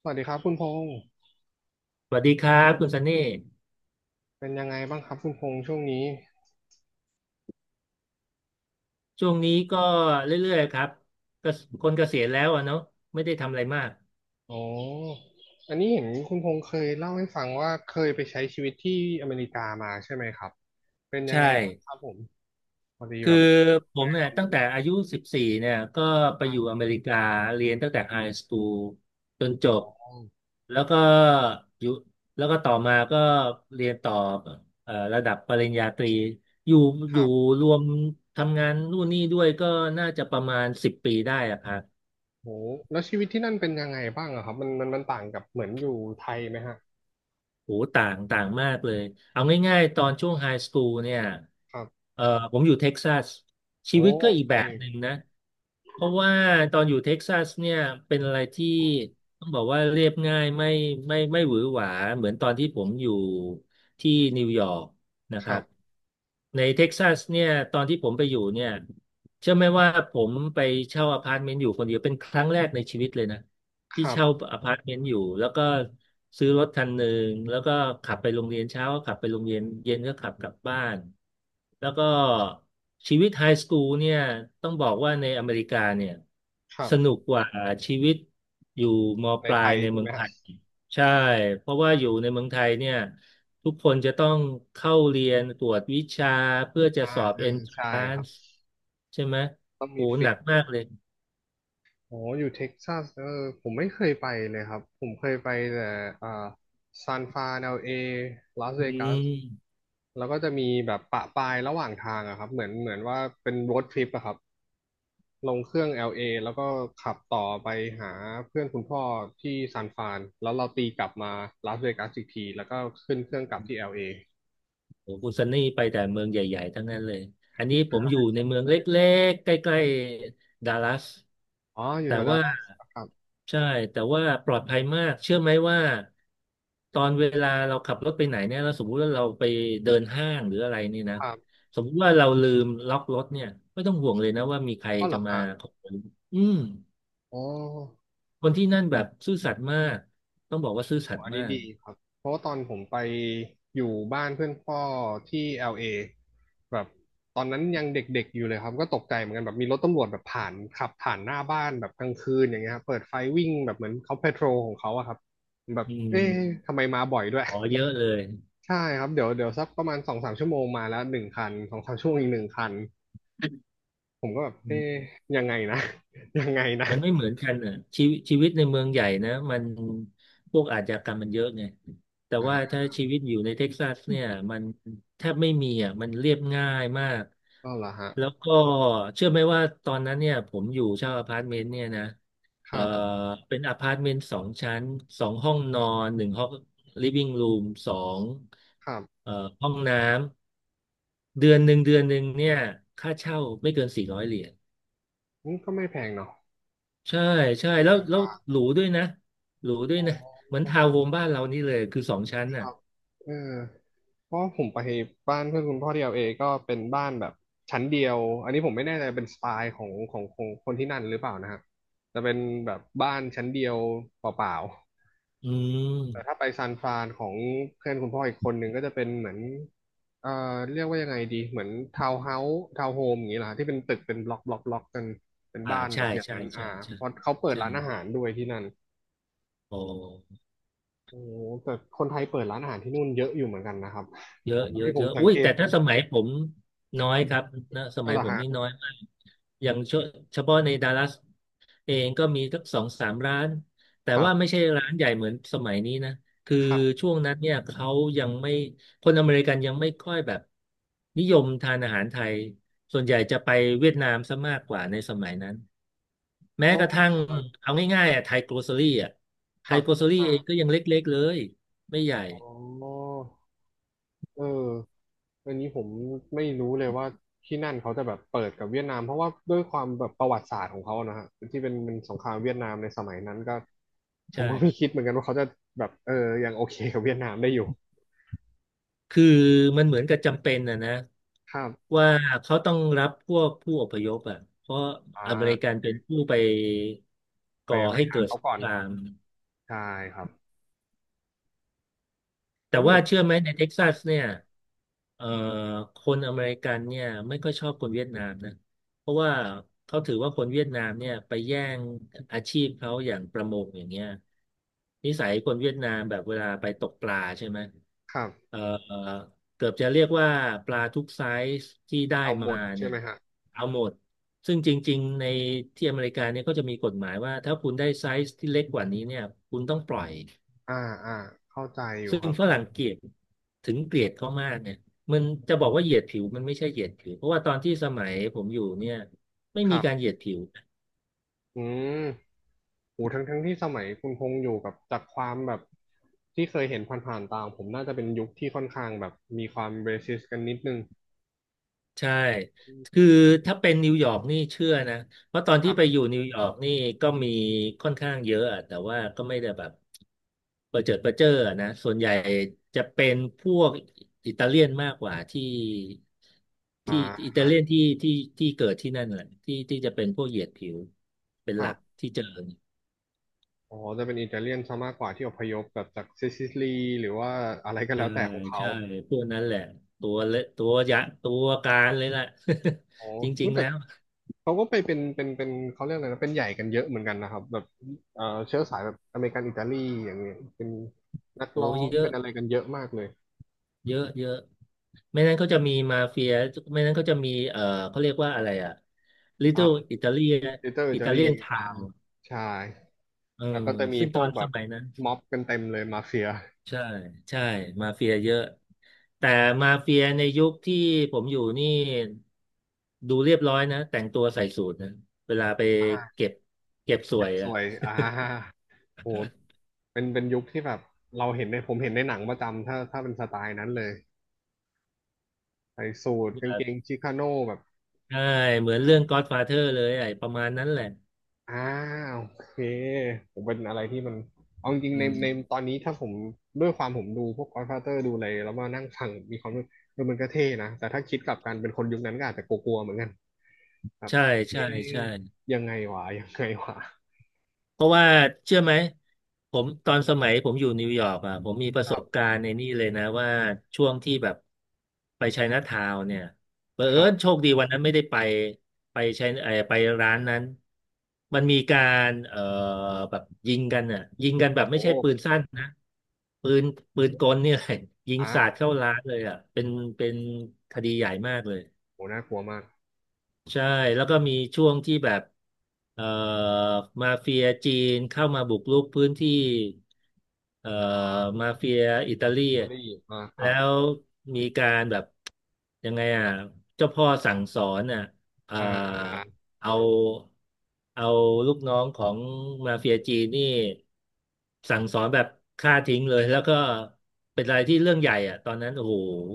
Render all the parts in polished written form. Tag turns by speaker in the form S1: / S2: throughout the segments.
S1: สวัสดีครับคุณพงษ์
S2: สวัสดีครับคุณซันนี่
S1: เป็นยังไงบ้างครับคุณพงษ์ช่วงนี้
S2: ช่วงนี้ก็เรื่อยๆครับก็คนเกษียณแล้วอะเนาะไม่ได้ทำอะไรมาก
S1: อ๋ออันนี้เห็นคุณพงษ์เคยเล่าให้ฟังว่าเคยไปใช้ชีวิตที่อเมริกามาใช่ไหมครับเป็นยัง
S2: ใช่
S1: ไงบ้างครับผมพอดี
S2: คือ
S1: แบบ
S2: ผม
S1: ได้
S2: เนี่
S1: ค
S2: ย
S1: วาม
S2: ตั้ง
S1: รู้
S2: แต่
S1: หน่อย
S2: อายุ14เนี่ยก็ไป
S1: ต่า
S2: อ
S1: ง
S2: ยู่อ
S1: ก
S2: เมริกาเรียนตั้งแต่ไฮสคูลจนจบ
S1: ั
S2: แล้วก็อยู่แล้วก็ต่อมาก็เรียนต่อระดับปริญญาตรีอยู่
S1: ค
S2: อยู่
S1: รับ
S2: รวมทำงานนู่นนี่ด้วยก็น่าจะประมาณ10 ปีได้อะครับ
S1: โหแล้วชีวิตที่นั่นเป็นยังไงบ้างอะครับมันต่างกับเหมือนอยู่ไทยไหมฮะ
S2: โอ้ต่างต่างมากเลยเอาง่ายๆตอนช่วงไฮสคูลเนี่ย
S1: ครับ
S2: เอ่อผมอยู่เท็กซัสชี
S1: โอ้
S2: วิตก็
S1: โอ
S2: อีก
S1: เค
S2: แบบหนึ่งนะเพราะว่าตอนอยู่เท็กซัสเนี่ยเป็นอะไรที่ต้องบอกว่าเรียบง่ายไม่ไม่หวือหวาเหมือนตอนที่ผมอยู่ที่นิวยอร์กนะ
S1: ค
S2: ค
S1: รั
S2: รับ
S1: บ
S2: ในเท็กซัสเนี่ยตอนที่ผมไปอยู่เนี่ยเชื่อไหมว่าผมไปเช่าอพาร์ตเมนต์อยู่คนเดียวเป็นครั้งแรกในชีวิตเลยนะ
S1: ค
S2: ที่
S1: รั
S2: เช่า
S1: บ
S2: อพาร์ตเมนต์อยู่แล้วก็ซื้อรถคันหนึ่งแล้วก็ขับไปโรงเรียนเช้าก็ขับไปโรงเรียนเย็นก็ขับกลับบ้านแล้วก็ชีวิตไฮสคูลเนี่ยต้องบอกว่าในอเมริกาเนี่ย
S1: ครั
S2: ส
S1: บ
S2: นุกกว่าชีวิตอยู่ม
S1: ใน
S2: ปลา
S1: ไท
S2: ย
S1: ย
S2: ใน
S1: ใช่
S2: เมื
S1: ไห
S2: อ
S1: ม
S2: งไท
S1: ฮะ
S2: ยใช่เพราะว่าอยู่ในเมืองไทยเนี่ยทุกคนจะต้องเข้าเรียนตรวจวิชาเพื่อจะ
S1: อ่า
S2: สอบ
S1: อ่าใช่ครับ
S2: Entrance ใช่ไหม
S1: ต้อง
S2: โอ้
S1: มี
S2: ห
S1: ฟิ
S2: นั
S1: ก
S2: กมากเลย
S1: อ๋ออยู่เท็กซัสเออผมไม่เคยไปเลยครับผมเคยไปแต่อ่าซานฟรานเอลเอลาสเว
S2: อื
S1: กัส
S2: ม
S1: แล้วก็จะมีแบบปะปายระหว่างทางอะครับเหมือนว่าเป็นโรดทริปอะครับลงเครื่อง LA แล้วก็ขับต่อไปหาเพื่อนคุณพ่อที่ซานฟรานแล้วเราตีกลับมาลาสเวกัสอีกทีแล้วก็ขึ้นเครื่องกลับที่ LA อลเอ
S2: โอ้โหคุณซันนี่ไปแต่เมืองใหญ่ๆทั้งนั้นเลยอันนี้ผมอยู่ในเมืองเล็กๆใกล้ๆดัลลัส
S1: อ๋ออยู่แถ
S2: แต่
S1: วดัล
S2: ว่า
S1: ลัสครับ
S2: ใช่แต่ว่าปลอดภัยมากเชื่อไหมว่าตอนเวลาเราขับรถไปไหนเนี่ยเราสมมุติว่าเราไปเดินห้างหรืออะไรนี่นะ
S1: ครับ
S2: สมมุติว่าเราลืมล็อกรถเนี่ยไม่ต้องห่วงเลยนะว่ามีใคร
S1: อ๋อเหร
S2: จะ
S1: อ
S2: มา
S1: ฮะ
S2: ขโมยอืม
S1: อ๋อ
S2: คนที่นั่นแบบซื่อสัตย์มากต้องบอกว่าซื่อสัต
S1: อั
S2: ย์
S1: น
S2: มา
S1: นี้
S2: ก
S1: ดีครับ เพราะว่าตอนผมไปอยู่บ้านเพื่อนพ่อที่ LA แบบตอนนั้นยังเด็กๆอยู่เลยครับก็ตกใจเหมือนกันแบบมีรถตำรวจแบบผ่านขับผ่านหน้าบ้านแบบกลางคืนอย่างเงี้ยครับเปิดไฟวิ่งแบบเหมือนเขาเพโทรของเขาอะครับแบบ
S2: อื
S1: เอ๊ะ
S2: ม
S1: ทำไมมาบ่อยด้วย
S2: ขอเย อะเลย
S1: ใช่ครับเดี๋ยวเดี๋ยวสักประมาณสองสามชั่วโมงมาแล้วหนึ่งคันสองสามชั่วโมงอีกหนึ่งคันผมก็แบบเอ๊ะยังไงนะ ยังไงนะ
S2: มันไม่เหมือนกันอ่ะชีวิตชีวิตในเมืองใหญ่นะมันพวกอาชญากรรมมันเยอะไงแต่ว่า
S1: อ่า
S2: ถ้าชีวิตอยู่ในเท็กซัสเนี่ยมันแทบไม่มีอ่ะมันเรียบง่ายมาก
S1: ก็เหรอฮะ
S2: แล้วก็เชื่อไหมว่าตอนนั้นเนี่ยผมอยู่เช่าอพาร์ตเมนต์เนี่ยนะ
S1: ค
S2: เอ่อ
S1: รับ
S2: เป็นอพาร์ตเมนต์สองชั้น2 ห้องนอนหนึ่งห้องลิฟวิ่งรูมสอง
S1: ครับ
S2: เอ่อห้องน้ำเดือนหนึ่งเดือนหนึ่งเนี่ยค่าเช่าไม่เกิน400 เหรียญ
S1: อืมก็ไม่แพงเนาะ
S2: ใช่ใช่
S1: ก็อยู่
S2: แล้
S1: ก
S2: ว
S1: ล
S2: แล้ว
S1: าง
S2: หรูด้วยนะหรูด้วยนะเหมือนทาว
S1: ๆ
S2: น์โฮมบ้านเรานี่เลยคือสองชั้น
S1: ค
S2: น่ะ
S1: รับเออเพราะผมไปบ้านเพื่อนคุณพ่อที่แอลเอก็เป็นบ้านแบบชั้นเดียวอันนี้ผมไม่แน่ใจเป็นสไตล์ของคนที่นั่นหรือเปล่านะฮะจะเป็นแบบบ้านชั้นเดียวเปล่า
S2: อื
S1: ๆแต่ถ้า
S2: ม
S1: ไปซานฟรานของเพื่อนคุณพ่ออีกคนหนึ่งก็จะเป็นเหมือนเรียกว่ายังไงดีเหมือนทาวน์เฮาส์ทาวน์โฮมอย่างนี้เหรอฮะที่เป็นตึกเป็นบล็อกกันเป็น
S2: อ่า
S1: บ้านแบ
S2: ใช่
S1: บอย่าง
S2: ใช่
S1: นั้น
S2: ใช่
S1: อ่า
S2: ใช่
S1: เพราะเขาเปิด
S2: ใช่
S1: ร้านอาหารด้วยที่นั่น
S2: โอ้
S1: โอ้โหแต่คนไทยเปิดร้านอาหารที่นู่นเยอะอยู่เหมือนกันนะครับ
S2: เยอะเยอะ
S1: ที่ผ
S2: เย
S1: ม
S2: อะ
S1: สัง
S2: อุ้ย
S1: เกต
S2: แต่
S1: ดู
S2: ถ้าสมัยผมน้อยครับนะส
S1: อะ
S2: มัย
S1: ไรอ
S2: ผมนี่
S1: ฮะ
S2: น้อยมากอย่างเฉพาะในดัลลัสเองก็มีสัก2-3 ร้านแต่
S1: ครับ
S2: ว่าไม่ใช่ร้านใหญ่เหมือนสมัยนี้นะคือ
S1: ครับ
S2: ช่วงนั้นเนี่ยเขายังไม่คนอเมริกันยังไม่ค่อยแบบนิยมทานอาหารไทยส่วนใหญ่จะไปเวียดนามซะมากกว่าในสมัยนั้นแม้
S1: อ๋อ
S2: กระทั่ง
S1: เร
S2: เอาง่ายๆอ่ะไทยโกลเซอรี่อ่ะ
S1: ค
S2: ไท
S1: รั
S2: ย
S1: บ
S2: โกลเซอรี่
S1: อ่า
S2: เองก็ยังเล็กๆเลยไม่ใหญ่
S1: อ๋อเอออันนี้ผมไม่รู้เลยว่าที่นั่นเขาจะแบบเปิดกับเวียดนามเพราะว่าด้วยความแบบประวัติศาสตร์ของเขานะฮะที่เป็นสงครามเวียดนามในสมัยนั้นก็ผม
S2: ใช่
S1: ก็ไม่คิดเหมือนกันว่าเขาจะแบบเออยังโอเคกับเวียดนามได้อยู่
S2: คือมันเหมือนกับจำเป็นนะ
S1: ครับ
S2: ว่าเขาต้องรับพวกผู้อพยพอ่ะเพราะ
S1: อ่า
S2: อเมริ
S1: โอ
S2: กันเป็น
S1: เค
S2: ผู้ไป
S1: ไป
S2: ก่อ
S1: ไป
S2: ให้
S1: หา
S2: เกิด
S1: เขา
S2: สง
S1: ก่อ
S2: ค
S1: น
S2: ราม
S1: ใช่ครับ
S2: แต่
S1: แล้วเหมื
S2: ว่า
S1: อน
S2: เชื่อไหมในเท็ก
S1: ค
S2: ซั
S1: รั
S2: ส
S1: บ
S2: เนี่ยเอ่อคนอเมริกันเนี่ยไม่ค่อยชอบคนเวียดนามนะเพราะว่าเขาถือว่าคนเวียดนามเนี่ยไปแย่งอาชีพเขาอย่างประมงอย่างเงี้ยนิสัยคนเวียดนามแบบเวลาไปตกปลาใช่ไหม
S1: ครับ
S2: เอ่อเกือบจะเรียกว่าปลาทุกไซส์ที่ได้
S1: เอาหม
S2: มา
S1: ดใช่
S2: เนี่ย
S1: ไหมฮะ
S2: เอาหมดซึ่งจริงๆในที่อเมริกาเนี่ยก็จะมีกฎหมายว่าถ้าคุณได้ไซส์ที่เล็กกว่านี้เนี่ยคุณต้องปล่อย
S1: อ่าอ่าเข้าใจอยู่
S2: ซึ่
S1: ค
S2: ง
S1: รับ
S2: ฝรั่งเกลียดถึงเกลียดเขามากเนี่ยมันจะบอกว่าเหยียดผิวมันไม่ใช่เหยียดผิวเพราะว่าตอนที่สมัยผมอยู่เนี่ยไม่
S1: ค
S2: มี
S1: รับ
S2: การเหยียดผิว
S1: อืมโหทั้งทั้งที่สมัยคุณพงษ์อยู่กับจากความแบบที่เคยเห็นผ่านๆตามผมน่าจะเป็นยุคที่ค่อนข้างแบบมีความเบสิสกันนิดนึง
S2: ใช่คือถ้าเป็นนิวยอร์กนี่เชื่อนะเพราะตอน
S1: ค
S2: ที่
S1: รับ
S2: ไปอยู่นิวยอร์กนี่ก็มีค่อนข้างเยอะอะแต่ว่าก็ไม่ได้แบบประเจิดประเจ้ออะนะส่วนใหญ่จะเป็นพวกอิตาเลียนมากกว่าที่
S1: อ่า
S2: อิตาเลียนที่ที่เกิดที่นั่นแหละที่ที่จะเป็นพวกเหยียดผิวเป็น
S1: ค
S2: ห
S1: รั
S2: ลัก
S1: บ
S2: ที่เจอ
S1: อ๋อจะเป็นอิตาเลียนซะมากกว่าที่อพยพแบบจากซิซิลีหรือว่าอะไรก็
S2: ใช่
S1: แล้วแต่ของเขา
S2: ใช่พวกนั้นแหละตัวเละตัวยักษ์ตัวการเลยแหละ
S1: โอ้
S2: จริ
S1: รู้
S2: งๆ
S1: แต่
S2: แล้ว
S1: เขาก็ไปเป็นเขาเรียกอะไรนะเป็นใหญ่กันเยอะเหมือนกันนะครับแบบเชื้อสายแบบอเมริกันอิตาลีอย่างเงี้ยเป็นนัก
S2: โอ้
S1: ร้อง
S2: เย
S1: เป็
S2: อะ
S1: นอะไรกันเยอะมากเลย
S2: เยอะเยอะไม่นั้นก็จะมีมาเฟียไม่นั้นก็จะมีเขาเรียกว่าอะไรอะ
S1: อ่า
S2: Little Italy อิตาเ
S1: ลิตเติ้ลอิตาลี
S2: ลียน
S1: อ่า
S2: ทาว
S1: ใช่
S2: เออ
S1: แล้วก็จะมี
S2: ซึ่ง
S1: พ
S2: ต
S1: ว
S2: อ
S1: ก
S2: น
S1: แบ
S2: ส
S1: บ
S2: มัยนั้น
S1: ม็อบกันเต็มเลยมาเฟีย
S2: ใช่ใช่มาเฟียเยอะแต่มาเฟียในยุคที่ผมอยู่นี่ดูเรียบร้อยนะแต่งตัวใส่สูทนะเวลาไป
S1: อ่า
S2: เก็บเก็บส
S1: เก็
S2: ว
S1: บ
S2: ย
S1: ส
S2: อะ
S1: วยอ่าโหเป็นเป็นยุคที่แบบเราเห็นในผมเห็นในหนังประจำถ้าเป็นสไตล์นั้นเลยใส่สูทกางเกงชิคาโน่แบบ
S2: ใช่เหมือนเรื่อง Godfather เลยไอ้ประมาณนั้นแหละ
S1: อ่าโอเคผมเป็นอะไรที่มันเอาจริง
S2: อื
S1: ๆใน
S2: ม
S1: ตอนนี้ถ้าผมด้วยความผมดูพวก Godfather ดูอะไรแล้วมานั่งฟังมีความรู้เออมันก็เท่นะแต่ถ้าคิดกลับกันเป็นคนยุคนั้นก็อาจจะกลัวๆเหมือนกันครับ
S2: ใช่
S1: เอ๊
S2: ใช่
S1: ะ
S2: ใช่
S1: ยังไงวะ
S2: เพราะว่าเชื่อไหมผมตอนสมัยผมอยู่นิวยอร์กอ่ะผมมีประ
S1: ค
S2: ส
S1: รั
S2: บ
S1: บ
S2: การณ์ในนี่เลยนะว่าช่วงที่แบบไปไชน่าทาวน์เนี่ยเผ
S1: ค
S2: อิ
S1: รับ
S2: ญโชคดีวันนั้นไม่ได้ไปไปไชไอ้ไปร้านนั้นมันมีการแบบยิงกันอ่ะยิงกันแบบไม่
S1: โอ้
S2: ใช่ปืนสั้นนะปืนปืนกลเนี่ยแหละยิงสาด
S1: อ่า
S2: เข้าร้านเลยอ่ะเป็นคดีใหญ่มากเลย
S1: โหน่ากลัวมาก
S2: ใช่แล้วก็มีช่วงที่แบบเอ่อมาเฟียจีนเข้ามาบุกรุกพื้นที่เอ่อมาเฟียอิตาลี
S1: เอ
S2: อะ
S1: รีอ่มาครั
S2: แล้
S1: บ
S2: วมีการแบบยังไงอ่ะเจ้าพ่อสั่งสอนอ่ะเอ่อ
S1: อ่า
S2: เอาเอาลูกน้องของมาเฟียจีนนี่สั่งสอนแบบฆ่าทิ้งเลยแล้วก็เป็นอะไรที่เรื่องใหญ่อะตอนนั้นโอ้โห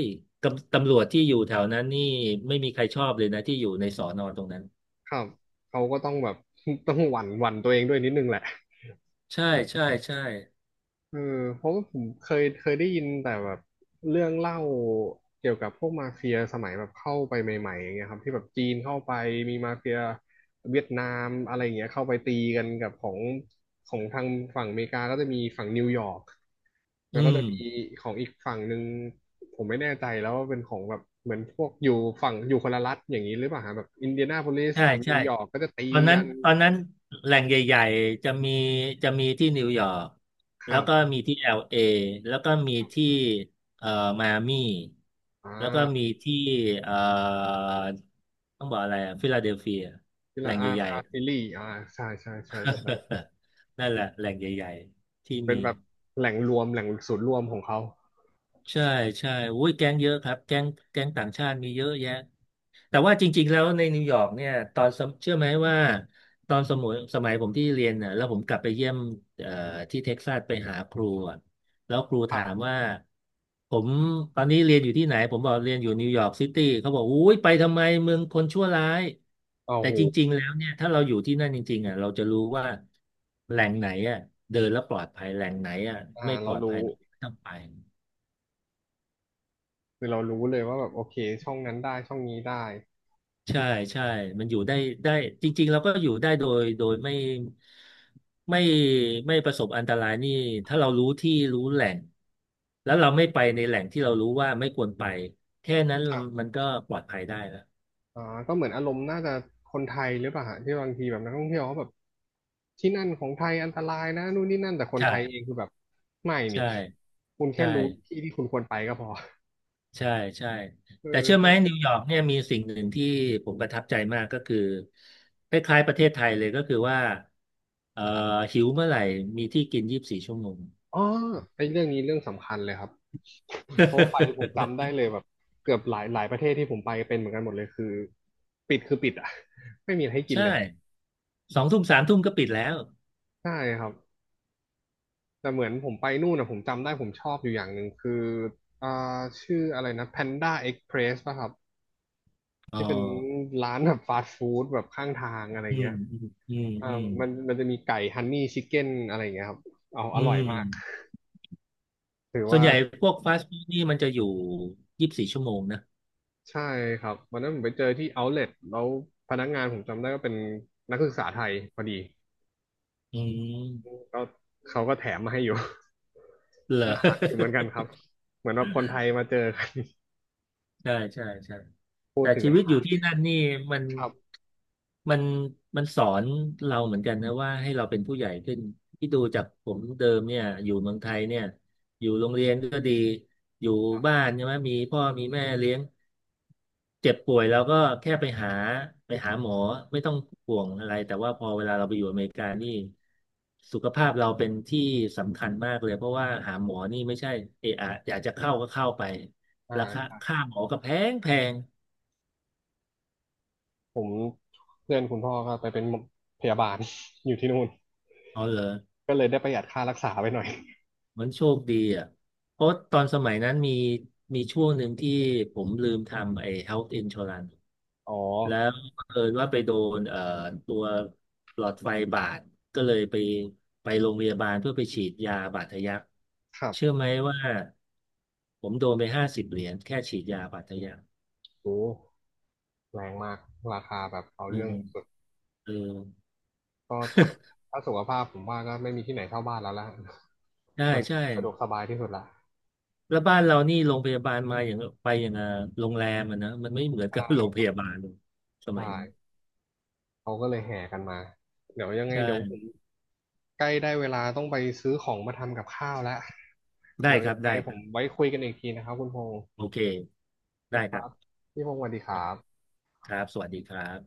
S2: ยตำรวจที่อยู่แถวนั้นนี่ไม่มีใครชอบเลยนะที่อยู่ในสอนอตรงนั้น
S1: ครับเขาก็ต้องแบบ ต้องหวั่นตัวเองด้วยนิดนึงแหละ
S2: ใช่ใช่ใช่
S1: เออเพราะว่าผมเคยได้ยินแต่แบบเรื่องเล่าเกี่ยวกับพวกมาเฟียสมัยแบบเข้าไปใหม่ๆอย่างเงี้ยครับที่แบบจีนเข้าไปมีมาเฟียเวียดนามอะไรอย่างเงี้ยเข้าไปตีกันกับของทางฝั่งอเมริกาก็จะมีฝั่งนิวยอร์กแล้
S2: อื
S1: วก็จะ
S2: ม
S1: มีของอีกฝั่งหนึ่งผมไม่แน่ใจแล้วว่าเป็นของแบบเหมือนพวกอยู่ฝั่งอยู่คนละรัฐอย่างนี้หรือเปล่าฮะแบบอินเดียนาโพลิส
S2: ใช่
S1: กับนิ
S2: ใช่
S1: วยอร์กก็จะตี
S2: ตอนนั้
S1: กั
S2: น
S1: น
S2: ตอนนั้นแหล่งใหญ่ๆจะมีที่นิวยอร์ก
S1: ค
S2: แล้
S1: รั
S2: วก็
S1: บ
S2: มีที่เอลเอแล้วก็มีที่เอ่อมายอามี่
S1: อ่
S2: แล้วก็มี
S1: า
S2: ที่เอ่อต้องบอกอะไรอะฟิลาเดลเฟีย
S1: ที่
S2: แหล่
S1: ละ
S2: งใหญ่
S1: อาร์ซิ
S2: ๆ
S1: ลี่ใช่ใช่ใช่ใช่
S2: นั่นแหละแหล่งใหญ่ๆที่
S1: เป็น
S2: มี
S1: แบบแหล่งรวมแหล่งศูนย์รวมของเขา
S2: ใช่ใช่อุ้ยแก๊งเยอะครับแก๊งต่างชาติมีเยอะแยะ แต่ว่าจริงๆแล้วในนิวยอร์กเนี่ยตอนสมเชื่อไหมว่าตอนสมัยผมที่เรียนน่ะแล้วผมกลับไปเยี่ยมเอ่อที่เท็กซัสไปหาครูอะแล้วครู
S1: ครั
S2: ถา
S1: บ
S2: มว่าผมตอนนี้เรียนอยู่ที่ไหนผมบอกเรียนอยู่นิวยอร์กซิตี้เขาบอกอุ้ยไปทำไมเมืองคนชั่วร้าย
S1: โอ้
S2: แต่
S1: โห
S2: จริงๆแล้วเนี่ยถ้าเราอยู่ที่นั่นจริงๆอ่ะเราจะรู้ว่าแหล่งไหนอ่ะเดินแล้วปลอดภัยแหล่งไหนอ่ะไม่ปล
S1: เรา
S2: อดภัย
S1: รู้
S2: ต้องไป
S1: คือเรารู้เลยว่าแบบโอเคช่องนั้นได้ช่องนี้ได้
S2: ใช่ใช่มันอยู่ได้จริงๆเราก็อยู่ได้โดยไม่ไม่ประสบอันตรายนี่ถ้าเรารู้ที่รู้แหล่งแล้วเราไม่ไปในแหล่งที่เรารู้ว่าไม่ควรไปแค่นั้นมันก็ปลอดภัยได้แล้ว
S1: อ่าก็เหมือนอารมณ์น่าจะคนไทยหรือเปล่าฮะที่บางทีแบบนักท่องเที่ยวเขาแบบที่นั่นของไทยอันตรายนะนู่นนี่นั่นแต่คน
S2: ใช่
S1: ไทยเองคือแบบไม่นี่
S2: ใช่
S1: คุณแค่
S2: ใช่
S1: รู้ที่ที่คุณควรไปก็พอ
S2: ใช่ใช่
S1: เอ
S2: แต่
S1: อ
S2: เชื่อไหมนิวยอร์กเนี่ยมีสิ่งหนึ่งที่ผมประทับใจมากก็คือคล้ายๆประเทศไทยเลยก็คือว่าเอ่อหิวเมื่อไหร่มีที่กินยี่สิบสี่ชั่วโมง
S1: อ๋อไอ้เรื่องนี้เรื่องสำคัญเลยครับเพราะว่าไปผมจำได้เลยแบบเกือบหลายประเทศที่ผมไปเป็นเหมือนกันหมดเลยคือปิดคือปิดอ่ะ ไม่มีอะไรให้กิน
S2: ใช่
S1: เลย
S2: 2 ทุ่ม 3 ทุ่มก็ปิดแล้ว
S1: ใช่ครับแต่เหมือนผมไปนู่นนะผมจำได้ผมชอบอยู่อย่างหนึ่งคืออ่าชื่ออะไรนะ Panda Express ป่ะครับ
S2: อ๋อ
S1: ที่เป็นร้านแบบฟาสต์ฟู้ดแบบข้างทางอะไร
S2: อื
S1: เงี้
S2: ม
S1: ย
S2: อืม
S1: อ่า
S2: อืม
S1: มันจะมีไก่ฮันนี่ชิคเก้นอะไรเงี้ยครับเอาอ
S2: อื
S1: ร่อย
S2: ม
S1: มากถือ
S2: ส่วน
S1: ว่า
S2: ใหญ่พวกฟาสต์ฟู้ดนี่มันจะอยู่ยี่สิบสี่ชั่วโมงนะ
S1: ใช่ครับวันนั้นผมไปเจอที่ Outlet แล้วพนักงานผมจำได้ก็เป็นนักศึกษาไทยพอดี
S2: อืม
S1: ก็เขาก็แถมมาให้อยู่
S2: เหร อ
S1: น่ารักอยู่เหมือนกันครับเหมือนว่าคนไทยมาเจอกัน
S2: ใช่ใช่ใช่
S1: พู
S2: แต่
S1: ดถึง
S2: ชี
S1: อา
S2: วิตอ
S1: หา
S2: ยู่ที่
S1: ร
S2: นั่นนี่มัน
S1: ครับ
S2: มันมันสอนเราเหมือนกันนะว่าให้เราเป็นผู้ใหญ่ขึ้นที่ดูจากผมเดิมเนี่ยอยู่เมืองไทยเนี่ยอยู่โรงเรียนก็ดีอยู่บ้านใช่ไหมมีพ่อมีแม่เลี้ยงเจ็บป่วยเราก็แค่ไปหาหมอไม่ต้องห่วงอะไรแต่ว่าพอเวลาเราไปอยู่อเมริกานี่สุขภาพเราเป็นที่สำคัญมากเลยเพราะว่าหาหมอนี่ไม่ใช่เอะอะอยากจะเข้าก็เข้าไป
S1: อ่า
S2: ราคา
S1: ครับ
S2: ค่าหมอก็แพงแพง
S1: ผมเพื่อนคุณพ่อก็ไปเป็นพยาบาล อยู่ที่นู่น
S2: อ๋อเหรอ
S1: ก็เลยได้ประหยัดค่ารักษาไปหน่อย
S2: มันโชคดีอ่ะเพราะตอนสมัยนั้นมีช่วงหนึ่งที่ผมลืมทำไอ้ health insurance
S1: อ๋อ
S2: แล้วเผอิญว่าไปโดนตัวหลอดไฟบาดก็เลยไปโรงพยาบาลเพื่อไปฉีดยาบาดทะยัก
S1: ครับ
S2: เชื่อไหมว่าผมโดนไป50 เหรียญแค่ฉีดยาบาดทะยัก
S1: โอ้แรงมากราคาแบบเอา
S2: หนึ่
S1: เรื่อ
S2: ง
S1: งสุด
S2: เออ
S1: ก็ถ้าสุขภาพผมว่าก็ไม่มีที่ไหนเท่าบ้านแล้วละ
S2: ใช่
S1: มัน
S2: ใช่
S1: สะดวกสบายที่สุดละ
S2: แล้วบ้านเรานี่โรงพยาบาลมาอย่างไปอย่างอ่ะโรงแรมอ่ะนะมันไม่เหมือนกับ โรง
S1: ใช่
S2: พยาบาลส
S1: ใช่
S2: มัยนี้
S1: เขาก็เลยแห่กันมา เดี๋ยวยังไงเดี๋ยวผ
S2: ใช่
S1: มใกล้ได้เวลาต้องไปซื้อของมาทำกับข้าวแล้ว
S2: ได้
S1: เดี๋ยว
S2: ครั
S1: ยั
S2: บ
S1: งไง
S2: ได้
S1: ผ
S2: ค
S1: ม
S2: รับ
S1: ไว้คุยกันอีกทีนะครับคุณพงศ์
S2: โอเคได้
S1: นี่ค
S2: ครั
S1: รับ
S2: บ
S1: พี่พงศ์สวัสดีครับ
S2: ครับสวัสดีครับ